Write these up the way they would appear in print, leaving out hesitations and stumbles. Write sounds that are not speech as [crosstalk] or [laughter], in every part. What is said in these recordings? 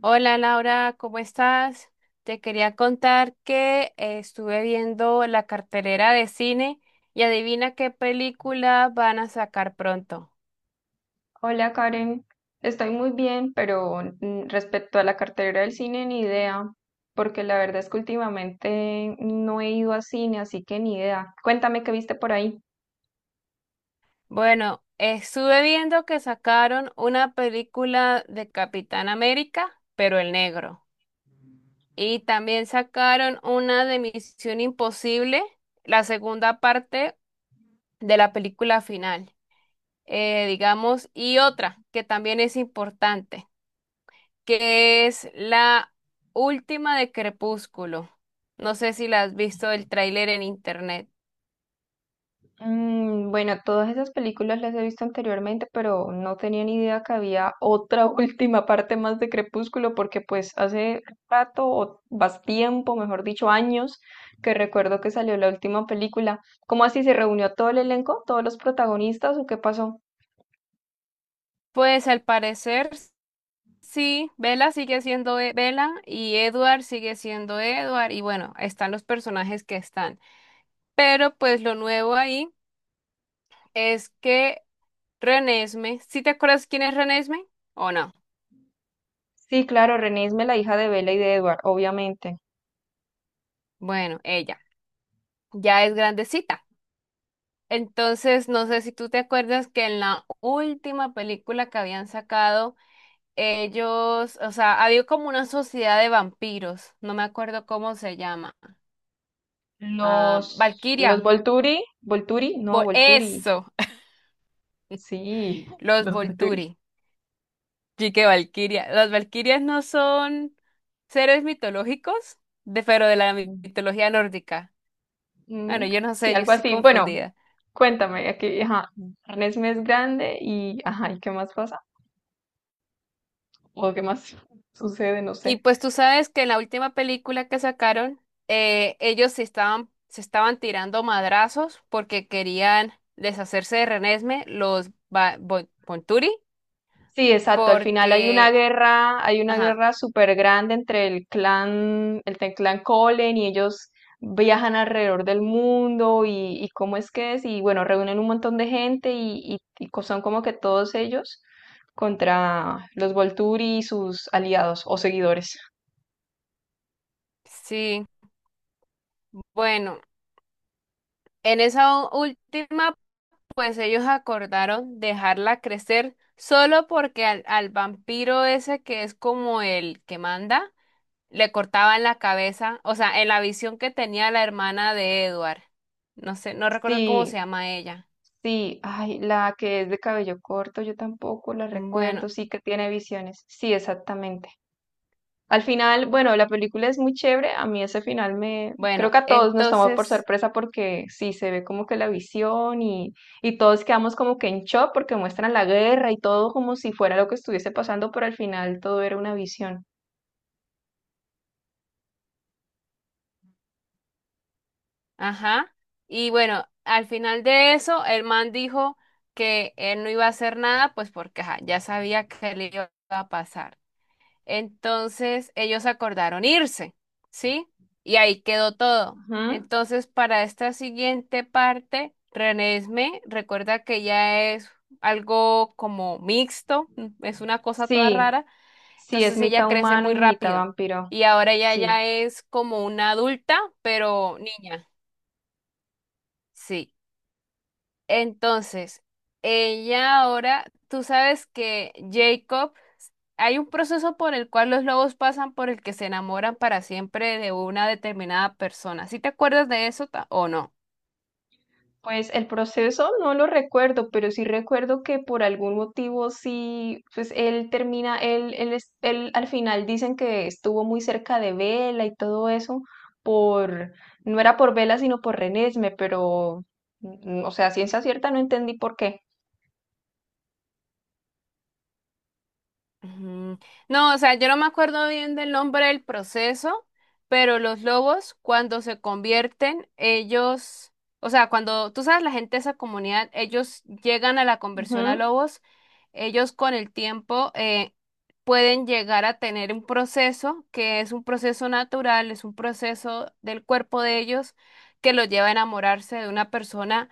Hola Laura, ¿cómo estás? Te quería contar que estuve viendo la cartelera de cine y adivina qué película van a sacar pronto. Hola Karen, estoy muy bien, pero respecto a la cartera del cine, ni idea, porque la verdad es que últimamente no he ido a cine, así que ni idea. Cuéntame qué viste por ahí. Bueno, estuve viendo que sacaron una película de Capitán América, pero el negro. Y también sacaron una de Misión Imposible, la segunda parte de la película final, digamos, y otra que también es importante. Que es la última de Crepúsculo. No sé si la has visto el tráiler en internet. Mm, bueno, todas esas películas las he visto anteriormente, pero no tenía ni idea que había otra [laughs] última parte más de Crepúsculo, porque pues hace rato, o más tiempo, mejor dicho, años, que recuerdo que salió la última película. ¿Cómo así se reunió todo el elenco, todos los protagonistas o qué pasó? Pues al parecer sí, Bella y Edward sigue siendo Edward y bueno, están los personajes que están. Pero pues lo nuevo ahí es que Renesme, ¿sí te acuerdas quién es Renesme o no? Sí, claro, Renée es la hija de Bella y de Edward, obviamente. Bueno, ella ya es grandecita. Entonces, no sé si tú te acuerdas que en la última película que habían sacado ellos, o sea, había como una sociedad de vampiros, no me acuerdo cómo se llama. Ah, Los, Valquiria, los Volturi, Volturi, no, Volturi, eso, sí, [laughs] [laughs] los los Volturi. Volturi. Sí que Valkyria, las Valkyrias no son seres mitológicos, de, pero de la mitología nórdica. Bueno, Mm. yo no Sí, sé, yo algo estoy así. Bueno, confundida. cuéntame, aquí, ajá, Renesme es grande y, ajá, ¿y qué más pasa? ¿O qué más [laughs] sucede? No Y sé. pues tú sabes que en la última película que sacaron, ellos se estaban tirando madrazos porque querían deshacerse de Renesme, los Volturi. Sí, exacto. Al final Porque, hay una ajá, guerra súper grande entre el clan, clan Colen y ellos viajan alrededor del mundo y cómo es que es, y bueno, reúnen un montón de gente y, son como que todos ellos contra los Volturi y sus aliados o seguidores. sí, bueno, en esa última, pues ellos acordaron dejarla crecer solo porque al vampiro ese que es como el que manda, le cortaban la cabeza, o sea, en la visión que tenía la hermana de Edward. No sé, no recuerdo cómo se Sí, llama ella. sí, ay, la que es de cabello corto, yo tampoco la Bueno, recuerdo, sí que tiene visiones. Sí, exactamente. Al final, bueno, la película es muy chévere. A mí ese final me, creo bueno, que a todos nos tomó por entonces... sorpresa porque sí, se ve como que la visión y todos quedamos como que en shock porque muestran la guerra y todo como si fuera lo que estuviese pasando, pero al final todo era una visión. Ajá. Y bueno, al final de eso, el man dijo que él no iba a hacer nada, pues porque ajá, ya sabía que le iba a pasar. Entonces, ellos acordaron irse, ¿sí? Y ahí quedó todo. Ujú. Entonces, para esta siguiente parte, Renesme recuerda que ya es algo como mixto, mm, es una cosa toda Sí, rara. sí, es Entonces, ella mitad crece humano muy y mitad rápido. vampiro. Y ahora ella Sí. ya es como una adulta, pero niña. Sí. Entonces, ella ahora, tú sabes que Jacob, hay un proceso por el cual los lobos pasan por el que se enamoran para siempre de una determinada persona. ¿Sí te acuerdas de eso o no? Pues el proceso no lo recuerdo, pero sí recuerdo que por algún motivo sí, pues él termina, él al final dicen que estuvo muy cerca de Vela y todo eso, por, no era por Vela sino por Renesme, pero, o sea, a ciencia cierta no entendí por qué. Ujú. No, o sea, yo no me acuerdo bien del nombre del proceso, pero los lobos cuando se convierten, ellos, o sea, cuando tú sabes, la gente de esa comunidad, ellos llegan a la conversión a Ujú, lobos, ellos con el tiempo pueden llegar a tener un proceso que es un proceso natural, es un proceso del cuerpo de ellos que los lleva a enamorarse de una persona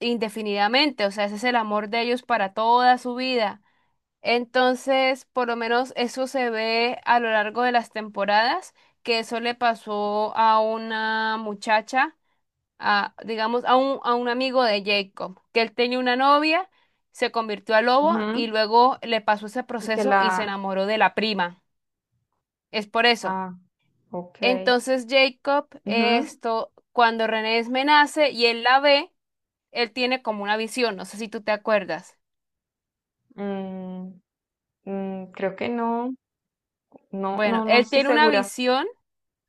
indefinidamente, o sea, ese es el amor de ellos para toda su vida. Entonces, por lo menos eso se ve a lo largo de las temporadas, que eso le pasó a una muchacha, a, digamos, a un amigo de Jacob, que él tenía una novia, se convirtió a lobo y ujú. luego le pasó ese Y que proceso y se la, enamoró de la prima. Es por eso. ah, ok, Entonces, Jacob, ujú, esto, cuando Renesmee nace y él la ve, él tiene como una visión, no sé si tú te acuerdas. mm, creo que no, no, Bueno, no, no él estoy tiene una segura. visión.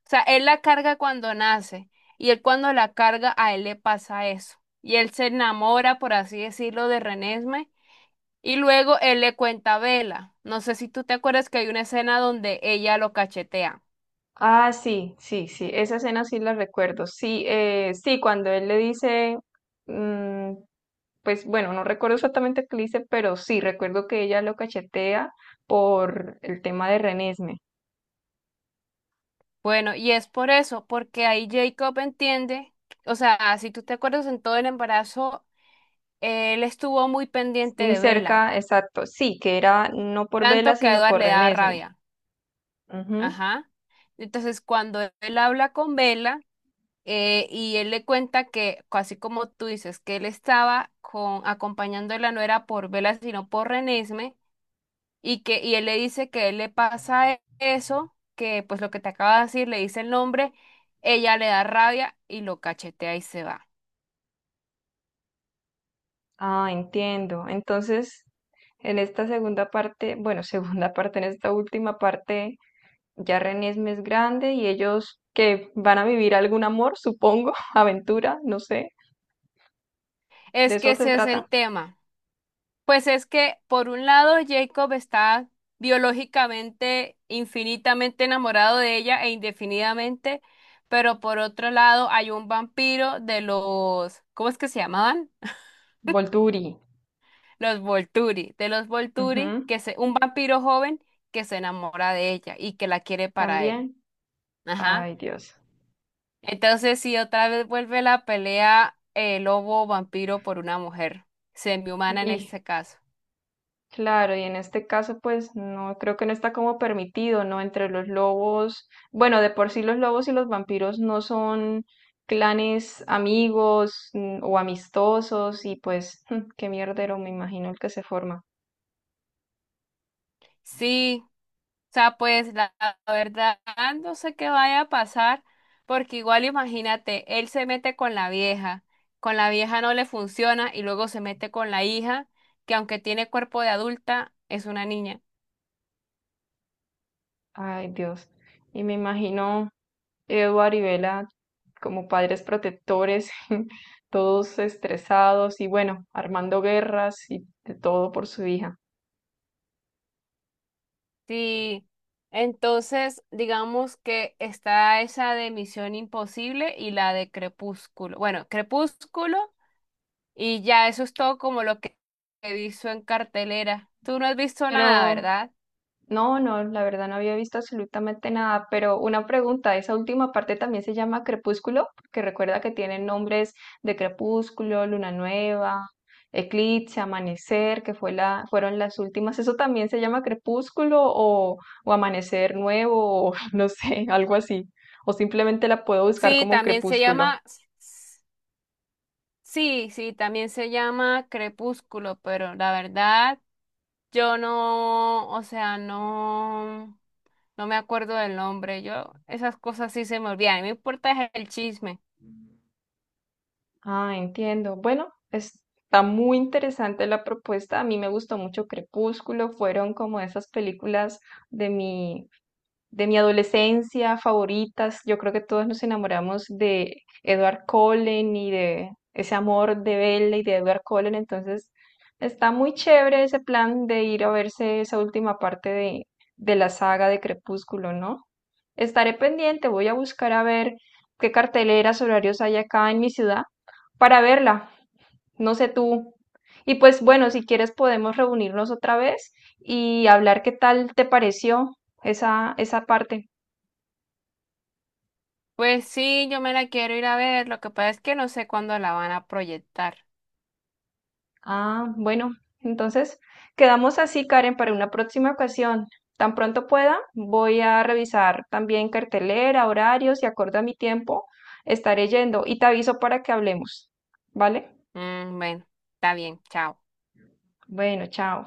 O sea, él la carga cuando nace y él cuando la carga a él le pasa eso. Y él se enamora, por así decirlo, de Renesme y luego él le cuenta a Vela. No sé si tú te acuerdas que hay una escena donde ella lo cachetea. Ah, sí, sí, sí, esa escena sí la recuerdo. Sí, sí, cuando él le dice, mm, pues bueno, no recuerdo exactamente qué le dice, pero sí, recuerdo que ella lo cachetea por el tema de Renesme. Bueno, y es por eso, porque ahí Jacob entiende, o sea, si tú te acuerdas en todo el embarazo, él estuvo muy pendiente Muy de Vela, cerca, exacto, sí, que era no por Vela, tanto que a sino Edward por le daba Renesme. rabia. Ujú. Ajá. Entonces, cuando él habla con Vela, y él le cuenta que, así como tú dices, que él estaba con, acompañándola no era por Vela, sino por Renesme, y que, y él le dice que él le pasa eso, que pues lo que te acaba de decir, le dice el nombre, ella le da rabia y lo cachetea y se va. Ah, entiendo. Entonces, en esta segunda parte, bueno, [laughs] segunda parte, en esta última parte. Ya René es más grande y ellos que van a vivir algún amor, supongo, [laughs] aventura, no sé. De Es que eso se ese es trata. el tema. Pues es que, por un lado, Jacob está biológicamente, infinitamente enamorado de ella e indefinidamente, pero por otro lado hay un vampiro de los, ¿cómo es que se llamaban? Volturi. Los Volturi, de los Volturi, Ujú. que se, un vampiro joven que se enamora de ella y que la quiere para él. También. Ajá. Ay, Dios. Entonces, si otra vez vuelve la pelea, lobo-vampiro por una mujer, semi-humana en Y este caso. claro, y en este caso, pues no creo que no está como permitido, ¿no? Entre los lobos. Bueno, de por sí los lobos y los vampiros no son clanes amigos, o amistosos y pues [laughs] qué mierdero me imagino el que se forma. Sí. O sea, pues la verdad no sé qué vaya a pasar, porque igual imagínate, él se mete con la vieja no le funciona y luego se mete con la hija, que aunque tiene cuerpo de adulta, es una niña. Ay, Dios. Y me imagino. Edward y Bella como padres protectores, [laughs] todos estresados y bueno, armando guerras y de todo por su hija. Sí, entonces digamos que está esa de Misión Imposible y la de Crepúsculo. Bueno, Crepúsculo y ya eso es todo como lo que he visto en cartelera. Tú no has visto nada, Pero ¿verdad? No, no, la verdad no había visto absolutamente nada, pero una pregunta, ¿esa última parte también se llama crepúsculo? Porque recuerda que tienen nombres de crepúsculo, luna nueva, eclipse, amanecer, que fue la, fueron las últimas. ¿Eso también se llama crepúsculo o amanecer nuevo o [laughs] no sé, algo así? O simplemente la puedo buscar Sí, como también se crepúsculo. llama. Sí, sí, también se llama Crepúsculo, pero la verdad yo no, o sea, no, no me acuerdo del nombre. Yo esas cosas sí se me olvidan. A mí me importa es el chisme. Ah, entiendo. Bueno, está muy interesante la propuesta. A mí me gustó mucho Crepúsculo. Fueron como esas películas de mi de mi adolescencia favoritas. Yo creo que todos nos enamoramos de Edward Cullen y de ese amor de Bella y de Edward Cullen. Entonces, está muy chévere ese plan de ir a verse esa última parte de la saga de Crepúsculo, ¿no? Estaré pendiente, voy a buscar a ver qué carteleras, horarios hay acá en mi ciudad para verla. No sé tú. Y pues bueno, si quieres podemos reunirnos otra vez y hablar qué tal te pareció esa, esa parte. Pues sí, yo me la quiero ir a ver. Lo que pasa es que no sé cuándo la van a proyectar. Ah, bueno, entonces quedamos así, Karen, para una próxima ocasión. Tan pronto pueda, voy a revisar también cartelera, horarios y acorde a mi tiempo, estaré yendo y te aviso para que hablemos. ¿Vale? Mm, bueno, está bien, chao. Bueno, chao.